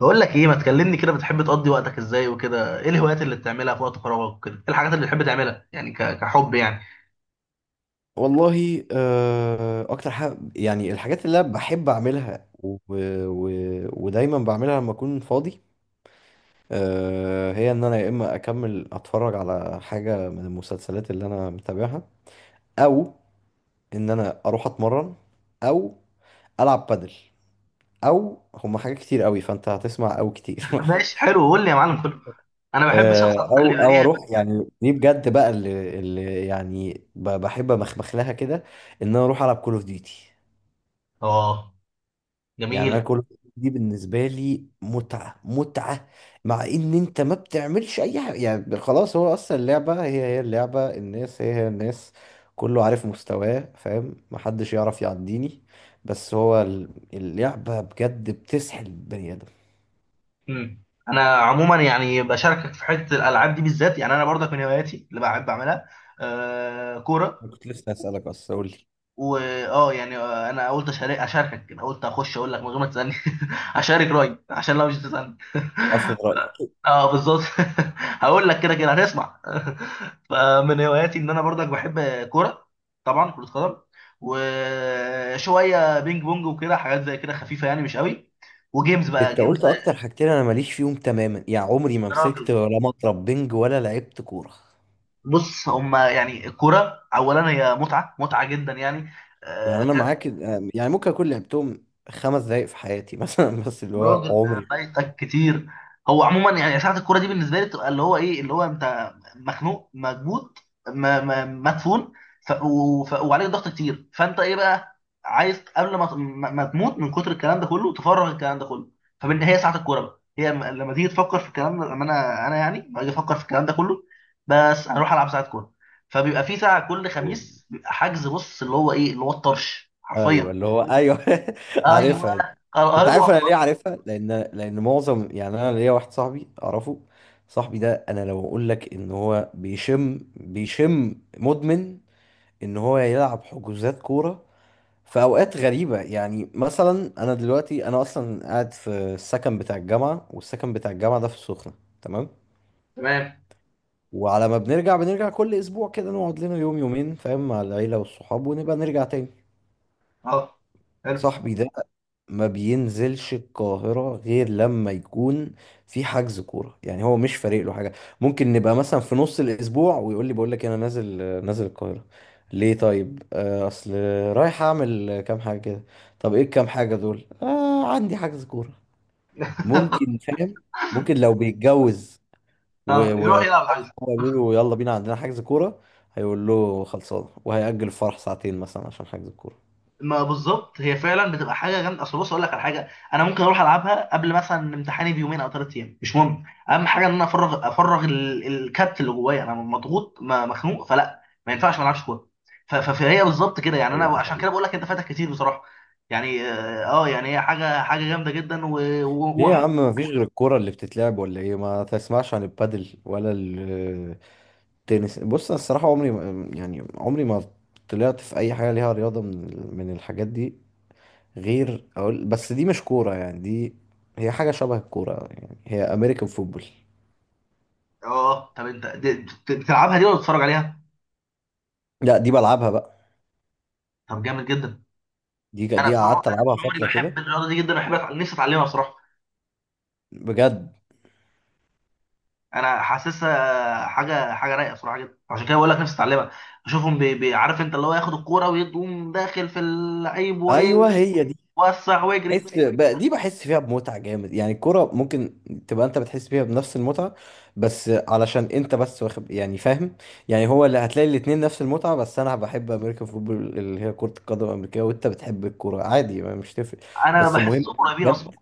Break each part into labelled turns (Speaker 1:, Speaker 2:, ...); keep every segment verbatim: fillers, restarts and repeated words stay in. Speaker 1: بقول لك ايه، ما تكلمني كده. بتحب تقضي وقتك ازاي وكده؟ ايه الهوايات اللي بتعملها في وقت فراغك وكده؟ ايه الحاجات اللي بتحب تعملها يعني، ك... كحب يعني.
Speaker 2: والله، آه، اكتر حاجه يعني الحاجات اللي انا بحب اعملها و... و... ودايما بعملها لما اكون فاضي. آه، هي ان انا يا اما اكمل اتفرج على حاجه من المسلسلات اللي انا متابعها، او ان انا اروح اتمرن، او العب بادل، او هما حاجات كتير قوي، فانت هتسمع او كتير.
Speaker 1: ماشي، حلو. قول لي يا معلم كله. انا بحب
Speaker 2: آه،
Speaker 1: الشخص آه، على فكره اللي
Speaker 2: او
Speaker 1: يبقى
Speaker 2: او
Speaker 1: ليه.
Speaker 2: اروح، يعني دي بجد بقى اللي, اللي يعني ب- بحب امخمخ لها كده، ان انا اروح العب كول اوف ديوتي.
Speaker 1: اه، يعني
Speaker 2: يعني انا
Speaker 1: جميل.
Speaker 2: كل دي بالنسبه لي متعه متعه. مع ان انت ما بتعملش اي حاجه، يعني خلاص، هو اصلا اللعبه هي هي اللعبه، الناس هي هي الناس، كله عارف مستواه، فاهم، محدش يعرف يعديني. بس هو ال- اللعبه بجد بتسحل البني ادم.
Speaker 1: امم انا عموما يعني بشاركك في حته الالعاب دي بالذات، يعني انا برضك من هواياتي اللي بحب اعملها آه، كوره.
Speaker 2: انا كنت لسه هسألك اصلا، قول لي.
Speaker 1: واه يعني آه، يعني انا قلت أشارك- اشاركك، انا قلت اخش اقول لك من غير ما تسالني. اشارك رايي عشان لو مش تسالني
Speaker 2: افرض رأيك.
Speaker 1: اه، بالظبط. هقول لك كده كده هنسمع فمن هواياتي ان انا برضك بحب كوره. طبعا كره قدم، وشويه بينج بونج وكده، حاجات زي كده خفيفه يعني، مش قوي. وجيمز بقى
Speaker 2: انت
Speaker 1: جيمز.
Speaker 2: قلت اكتر حاجتين انا ماليش فيهم تماما، يعني عمري ما مسكت
Speaker 1: راجل،
Speaker 2: ولا مضرب بنج ولا لعبت كوره.
Speaker 1: بص هما يعني الكوره اولا هي متعه متعه جدا يعني.
Speaker 2: يعني انا معاك. يعني ممكن اكون لعبتهم خمس دقايق في حياتي مثلا. بس اللي هو
Speaker 1: راجل،
Speaker 2: عمري
Speaker 1: ده
Speaker 2: ما لعبتهم.
Speaker 1: فايتك كتير. هو عموما يعني ساعة الكورة دي بالنسبة لي بتبقى اللي هو ايه، اللي هو انت مخنوق مكبوت، م- م- مدفون. ف... و... ف... وعليك ضغط كتير، فانت ايه بقى عايز قبل ما ت- ما ما تموت من كتر الكلام ده كله، تفرغ الكلام ده كله. فبالنهاية ساعة الكورة بقى هي م- لما تيجي تفكر في الكلام ده، لما انا انا يعني باجي افكر في الكلام ده كله، بس اروح العب ساعة كورة. فبيبقى في ساعة كل خميس بيبقى حجز، بص اللي هو ايه، اللي هو الطرش
Speaker 2: ايوه،
Speaker 1: حرفيا.
Speaker 2: اللي هو ايوه.
Speaker 1: ايوه،
Speaker 2: عارفها.
Speaker 1: ايوه،
Speaker 2: انت
Speaker 1: ايوه،
Speaker 2: عارف انا ليه
Speaker 1: خلاص.
Speaker 2: عارفها؟ لان لان معظم، يعني انا ليا واحد صاحبي اعرفه. صاحبي ده، انا لو اقول لك ان هو بيشم بيشم مدمن، ان هو يلعب حجوزات كوره في اوقات غريبه. يعني مثلا انا دلوقتي انا اصلا قاعد في السكن بتاع الجامعه، والسكن بتاع الجامعه ده في السخنه. تمام.
Speaker 1: تمام.
Speaker 2: وعلى ما بنرجع بنرجع كل اسبوع كده، نقعد لنا يوم يومين، فاهم، مع العيلة والصحاب، ونبقى نرجع تاني.
Speaker 1: اه، حلو.
Speaker 2: صاحبي ده ما بينزلش القاهرة غير لما يكون في حجز كورة، يعني هو مش فارق له حاجة. ممكن نبقى مثلا في نص الاسبوع، ويقول لي، بقول لك انا نازل نازل القاهرة. ليه؟ طيب، آه، اصل رايح اعمل كام حاجة كده. طب ايه الكام حاجة دول؟ آه، عندي حجز كورة. ممكن، فاهم، ممكن لو بيتجوز
Speaker 1: اه،
Speaker 2: و- و-
Speaker 1: يروح يلعب عايز.
Speaker 2: وحاسس إن هو يقول له، يلا بينا عندنا حجز كورة، هيقول له خلصانة، وهيأجل الفرح ساعتين مثلا عشان حجز الكورة.
Speaker 1: ما بالظبط، هي فعلا بتبقى حاجه جامده. اصل بص اقول لك على حاجه، انا ممكن اروح العبها قبل مثلا امتحاني بيومين او ثلاث ايام، مش مهم. اهم حاجه ان انا افرغ، افرغ ال- الكبت اللي جوايا. انا مضغوط، ما- مخنوق، فلا ما ينفعش ما العبش كوره. ف- ف- فهي بالظبط كده، يعني انا
Speaker 2: ايوه، دي
Speaker 1: عشان كده
Speaker 2: حقيقة.
Speaker 1: بقول لك انت فاتك كتير بصراحه. يعني اه آه، يعني هي حاجه حاجه جامده جدا، و- و-
Speaker 2: ليه يا
Speaker 1: وعموما.
Speaker 2: عم؟ مفيش غير الكورة اللي بتتلعب ولا ايه؟ ما تسمعش عن البادل ولا ال- التنس؟ بص، انا الصراحة عمري ما يعني عمري ما طلعت في اي حاجة ليها رياضة من ال- من الحاجات دي، غير اقول، بس دي مش كورة، يعني دي هي حاجة شبه الكورة، يعني هي امريكان فوتبول.
Speaker 1: اه طب انت دي- بت- بتلعبها دي ولا بتتفرج عليها؟
Speaker 2: لا، دي بلعبها بقى.
Speaker 1: طب جامد جدا.
Speaker 2: دي دي
Speaker 1: انا طول عمري،
Speaker 2: قعدت
Speaker 1: انا
Speaker 2: العبها
Speaker 1: طول عمري
Speaker 2: فترة
Speaker 1: بحب
Speaker 2: كده.
Speaker 1: الرياضه دي جدا، بحب أتع- نفسي اتعلمها بصراحه.
Speaker 2: بجد.
Speaker 1: انا حاسسها حاجه حاجه رايقه بصراحه جدا، عشان كده بقول لك نفسي اتعلمها. اشوفهم بي بي عارف انت، اللي هو ياخد الكوره ويقوم داخل في اللعيب وايه،
Speaker 2: ايوه، هي دي.
Speaker 1: وسع ويجري.
Speaker 2: بحس بقى دي بحس فيها بمتعة جامد، يعني الكورة ممكن تبقى انت بتحس فيها بنفس المتعة، بس علشان انت بس واخد، يعني فاهم، يعني هو اللي هتلاقي الاتنين نفس المتعة. بس انا بحب امريكان فوتبول اللي هي كرة القدم الامريكية، وانت بتحب الكورة عادي، ما مش تفرق.
Speaker 1: انا
Speaker 2: بس المهم،
Speaker 1: بحسهم قريبين
Speaker 2: بجد،
Speaker 1: اصلا،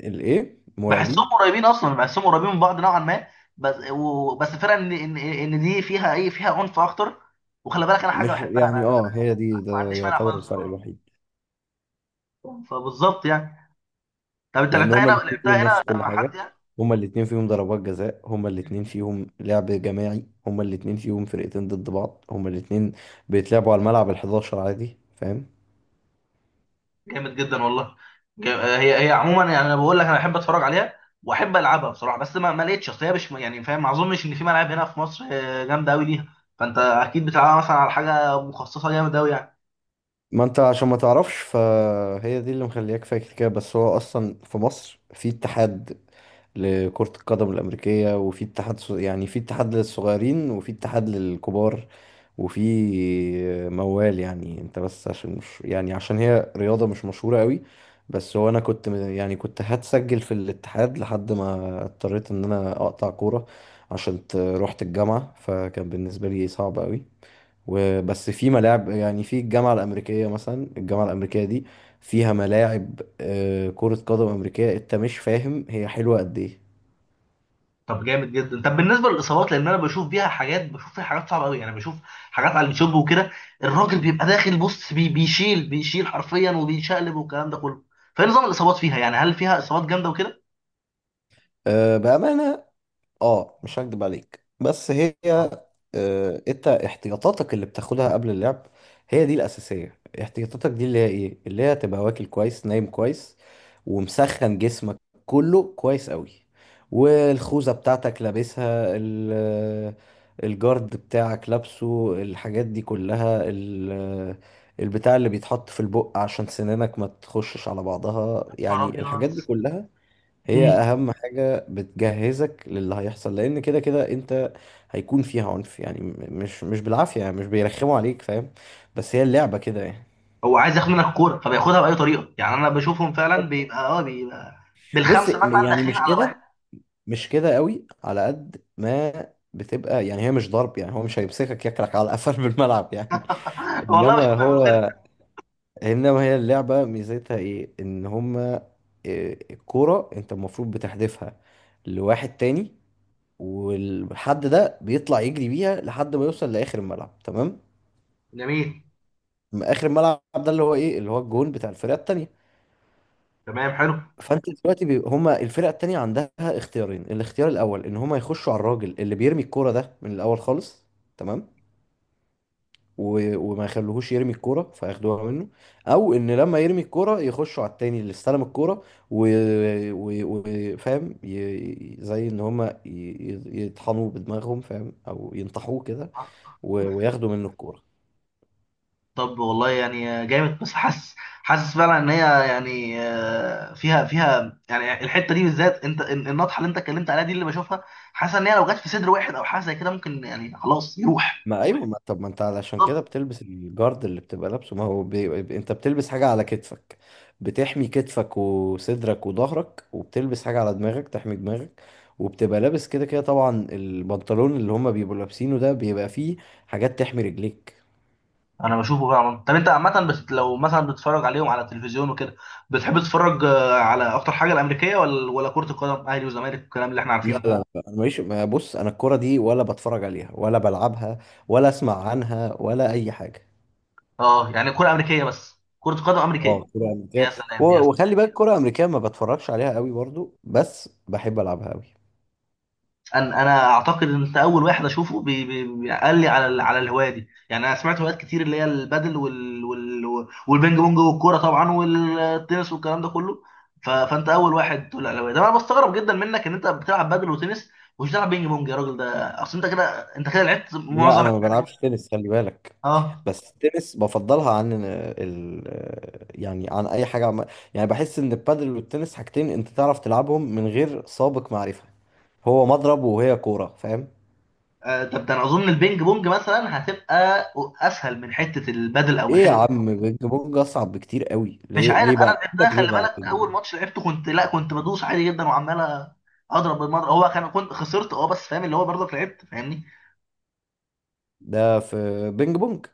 Speaker 2: الايه،
Speaker 1: بحسهم
Speaker 2: مرعبين.
Speaker 1: قريبين اصلا، بحسهم قريبين من بعض نوعا ما. بس و- بس الفرق ان ان ان دي فيها ايه، فيها عنف اكتر. وخلي بالك انا حاجه
Speaker 2: مش
Speaker 1: بحبها انا،
Speaker 2: يعني اه هي دي، ده
Speaker 1: ما عنديش مانع
Speaker 2: يعتبر
Speaker 1: خالص.
Speaker 2: الفرق الوحيد،
Speaker 1: فبالظبط يعني. طب انت
Speaker 2: لان
Speaker 1: لعبتها
Speaker 2: هما
Speaker 1: هنا،
Speaker 2: الاتنين
Speaker 1: لعبتها
Speaker 2: فيهم نفس
Speaker 1: هنا
Speaker 2: كل
Speaker 1: مع
Speaker 2: حاجه.
Speaker 1: حد يعني؟
Speaker 2: هما الاتنين فيهم ضربات جزاء، هما الاتنين فيهم لعب جماعي، هما الاتنين فيهم فرقتين ضد بعض، هما الاتنين بيتلعبوا على الملعب الحداشر عادي، فاهم.
Speaker 1: جامد جدا والله. جا- هي هي عموما يعني، انا بقول لك انا بحب اتفرج عليها واحب العبها بصراحه، بس ما ما لقيتش. اصل هي مش يعني فاهم، ما اظنش ان في ملاعب هنا في مصر آه، جامده قوي ليها. فانت اكيد بتلعبها مثلا على حاجه مخصصه جامد قوي يعني.
Speaker 2: ما انت عشان ما تعرفش فهي دي اللي مخلياك فاكر كده، بس هو اصلا في مصر في اتحاد لكرة القدم الأمريكية، وفي اتحاد ص- يعني في اتحاد للصغيرين، وفي اتحاد للكبار، وفي موال، يعني انت بس عشان مش يعني عشان هي رياضة مش مشهورة قوي. بس هو انا كنت م- يعني كنت هتسجل في الاتحاد، لحد ما اضطريت ان انا اقطع كورة عشان ت- رحت الجامعة، فكان بالنسبة لي صعب قوي. وبس في ملاعب، يعني في الجامعة الأمريكية مثلا، الجامعة الأمريكية دي فيها ملاعب آه، كرة قدم أمريكية، انت مش فاهم هي حلوة قد ايه.
Speaker 1: طب جامد جدا. طب بالنسبه للاصابات، لان انا بشوف بيها حاجات، بشوف فيها حاجات صعبه قوي يعني، بشوف حاجات على اليوتيوب وكده. الراجل بيبقى داخل بص بي بيشيل بيشيل حرفيا وبيشقلب والكلام ده كله. فايه نظام الاصابات فيها يعني؟ هل فيها اصابات جامده وكده؟
Speaker 2: آه، بأمانة، اه مش هكدب عليك، بس هي،
Speaker 1: يا
Speaker 2: آه انت احتياطاتك اللي بتاخدها قبل اللعب هي دي الاساسيه. احتياطاتك دي اللي هي ايه اللي هي تبقى واكل كويس، نايم كويس، ومسخن جسمك كله كويس قوي، والخوذه بتاعتك لابسها، ال- الجارد بتاعك لابسه، الحاجات دي كلها، ال- البتاع اللي بيتحط في البق عشان سنانك ما تخشش على بعضها،
Speaker 1: نهار
Speaker 2: يعني
Speaker 1: ابيض.
Speaker 2: الحاجات دي كلها هي اهم حاجة بتجهزك للي هيحصل، لان كده كده انت هيكون فيها عنف، يعني م- مش مش بالعافية، يعني مش بيرخموا عليك، فاهم. بس هي اللعبة كده يعني.
Speaker 1: هو عايز ياخد منك الكوره فبياخدها باي طريقه يعني، انا بشوفهم فعلا
Speaker 2: طب،
Speaker 1: بيبقى اه بيبقى
Speaker 2: بص
Speaker 1: بالخمسه
Speaker 2: م-
Speaker 1: مثلا
Speaker 2: يعني
Speaker 1: داخلين
Speaker 2: مش
Speaker 1: على واحد.
Speaker 2: كده، مش كده قوي. على قد ما بتبقى، يعني هي مش ضرب، يعني هو مش هيمسكك ياكلك على قفل بالملعب. يعني
Speaker 1: والله
Speaker 2: انما
Speaker 1: بشوفهم بيعملوا كده.
Speaker 2: هو انما هي اللعبة ميزتها ايه، ان هما، إيه، الكورة انت المفروض بتحدفها لواحد تاني، والحد ده بيطلع يجري بيها لحد ما يوصل لاخر الملعب، تمام.
Speaker 1: جميل.
Speaker 2: ما اخر الملعب ده اللي هو ايه اللي هو الجون بتاع الفرقه التانيه.
Speaker 1: تمام، حلو.
Speaker 2: فانت دلوقتي بي... هما الفرقه التانيه عندها اختيارين. الاختيار الاول ان هما يخشوا على الراجل اللي بيرمي الكوره ده من الاول خالص، تمام، و... وما يخلوهوش يرمي الكوره فياخدوها منه، او ان لما يرمي الكوره يخشوا على التاني اللي استلم الكوره و... و... و... فاهم، ي... زي ان هما ي... ي- يطحنوه بدماغهم، فاهم، او ينطحوه كده، و... وياخدوا منه الكوره.
Speaker 1: طب والله يعني جامد. بس حاسس، حاسس فعلا ان هي يعني آه، فيها، فيها يعني الحته دي بالذات، انت ال- النطحه اللي انت اتكلمت عليها دي اللي بشوفها. حاسس ان هي لو جت في صدر واحد او حاجه زي كده، ممكن يعني خلاص يروح.
Speaker 2: ما ايوه، ما طب، ما انت علشان كده بتلبس الجارد اللي بتبقى لابسه. ما هو بي... انت بتلبس حاجه على كتفك بتحمي كتفك وصدرك وظهرك، وبتلبس حاجه على دماغك تحمي دماغك، وبتبقى لابس كده كده. طبعا البنطلون اللي هما بيبقوا لابسينه ده بيبقى فيه حاجات تحمي رجليك.
Speaker 1: انا بشوفه فعلا. طب انت عامه بس لو مثلا بتتفرج عليهم على التلفزيون وكده، بتحب تتفرج آه، على اكتر حاجه، الامريكيه ولا ولا كره القدم، اهلي وزمالك الكلام اللي احنا
Speaker 2: لا،
Speaker 1: عارفينه؟
Speaker 2: لا، لا، انا ماليش، ما بص، انا الكوره دي ولا بتفرج عليها ولا بلعبها ولا اسمع عنها ولا اي حاجه.
Speaker 1: اه يعني كره امريكيه، بس كره قدم
Speaker 2: اه،
Speaker 1: امريكيه.
Speaker 2: كرة
Speaker 1: يا
Speaker 2: أمريكية.
Speaker 1: سلام
Speaker 2: و-
Speaker 1: يا.
Speaker 2: وخلي بالك كرة أمريكية ما بتفرجش عليها قوي برضو، بس بحب ألعبها قوي.
Speaker 1: انا انا اعتقد ان انت اول واحد اشوفه بي بي بي- قال لي على ال- على الهوايه دي. يعني انا سمعت هوايات كتير اللي هي البادل وال وال والبينج بونج والكوره طبعا والتنس والكلام ده كله. ف... فانت اول واحد تقول لي على الهوايه ده. انا بستغرب جدا منك ان انت بتلعب بادل وتنس ومش بتلعب بينج بونج يا راجل، ده اصل انت كده، انت كده لعبت
Speaker 2: لا،
Speaker 1: معظم.
Speaker 2: انا ما صح؟ بلعبش تنس، خلي بالك.
Speaker 1: اه
Speaker 2: بس التنس بفضلها عن ال يعني عن اي حاجه عم... يعني بحس ان البادل والتنس حاجتين انت تعرف تلعبهم من غير سابق معرفه، هو مضرب وهي كوره، فاهم.
Speaker 1: آه، طب ده انا اظن البينج بونج مثلا هتبقى اسهل من حته البادل او من
Speaker 2: ايه يا
Speaker 1: حته.
Speaker 2: عم، بينج بونج اصعب بكتير قوي.
Speaker 1: مش
Speaker 2: ليه
Speaker 1: عارف،
Speaker 2: ليه بقى؟
Speaker 1: انا
Speaker 2: اقول
Speaker 1: لعبتها
Speaker 2: لك ليه
Speaker 1: خلي
Speaker 2: بقى
Speaker 1: بالك،
Speaker 2: بينج
Speaker 1: اول
Speaker 2: بونج.
Speaker 1: ماتش لعبته كنت، لا، كنت بدوس عادي جدا وعمال اضرب بالمضرب، هو كان كنت خسرت اه، بس فاهم اللي هو برضك لعبت فاهمني.
Speaker 2: ده في بينج بونج.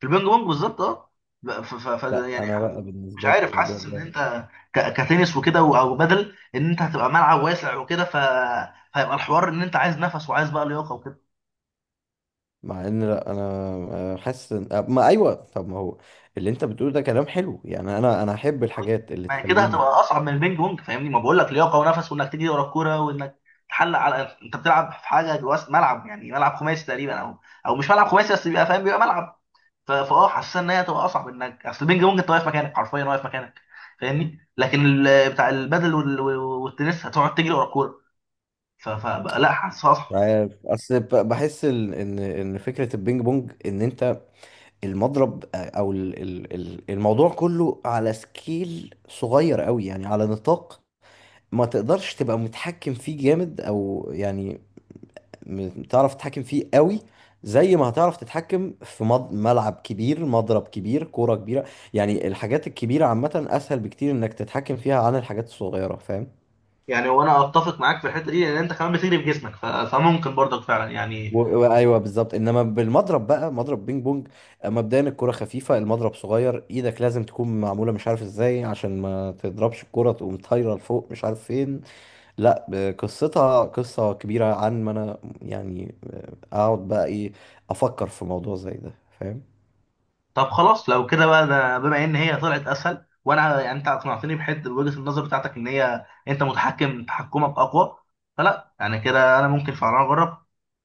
Speaker 1: في البينج بونج بالظبط اه. ب- ف ف ف
Speaker 2: لا، انا
Speaker 1: يعني
Speaker 2: بقى
Speaker 1: مش
Speaker 2: بالنسبه لي
Speaker 1: عارف،
Speaker 2: الموضوع
Speaker 1: حاسس ان
Speaker 2: ده،
Speaker 1: انت ك- كتنس وكده، و- او بدل ان انت هتبقى ملعب واسع وكده، ف فيبقى الحوار ان انت عايز نفس وعايز بقى لياقه وكده.
Speaker 2: مع ان، لا انا، آه، حاسس إن- آه، ما ايوه، طب، ما هو اللي انت بتقوله ده كلام حلو، يعني انا انا احب
Speaker 1: طيب.
Speaker 2: الحاجات اللي
Speaker 1: ما هي كده
Speaker 2: تخليني.
Speaker 1: هتبقى اصعب من البينج بونج فاهمني، ما بقول لك لياقه ونفس، وانك تجري ورا الكوره وانك تحلق على، انت بتلعب في حاجه جوه ملعب، يعني ملعب خماسي تقريبا، او او مش ملعب خماسي، بس بيبقى فاهم، بيبقى ملعب. ف- فاه حاسس ان هي هتبقى اصعب، انك اصل البينج بونج انت واقف مكانك حرفيا، واقف مكانك فاهمني. لكن ال- بتاع البدل وال- والتنس هتقعد تجري ورا الكوره. ف- فبقى لا، حاسس
Speaker 2: مش
Speaker 1: اصعب.
Speaker 2: عارف، اصل ب- بحس ال- ان ان فكره البينج بونج ان انت المضرب، او ال- ال- ال- الموضوع كله على سكيل صغير قوي، يعني على نطاق ما تقدرش تبقى متحكم فيه جامد، او يعني م- تعرف تتحكم فيه قوي زي ما هتعرف تتحكم في مض- ملعب كبير، مضرب كبير، كوره كبيره. يعني الحاجات الكبيره عامه اسهل بكتير انك تتحكم فيها عن الحاجات الصغيره، فاهم.
Speaker 1: يعني وانا اتفق معاك في الحته دي، لان انت كمان بتجري بجسمك ف- فممكن برضك فعلا
Speaker 2: و...
Speaker 1: يعني.
Speaker 2: و- ايوه بالظبط، انما بالمضرب بقى، مضرب بينج بونج، مبدئيا الكرة خفيفة، المضرب صغير، ايدك لازم تكون معمولة مش عارف ازاي عشان ما تضربش الكرة تقوم طايرة لفوق مش عارف فين. لا، ب- قصتها قصة كبيرة، عن ما انا يعني آه، اقعد بقى، ايه، افكر في موضوع زي ده، فاهم.
Speaker 1: طب خلاص لو كده بقى، ده بما ان هي طلعت اسهل، وانا يعني انت اقنعتني بحته بوجهه النظر بتاعتك، ان هي انت متحكم، تحكمك اقوى، فلا يعني كده انا ممكن فعلا اجرب.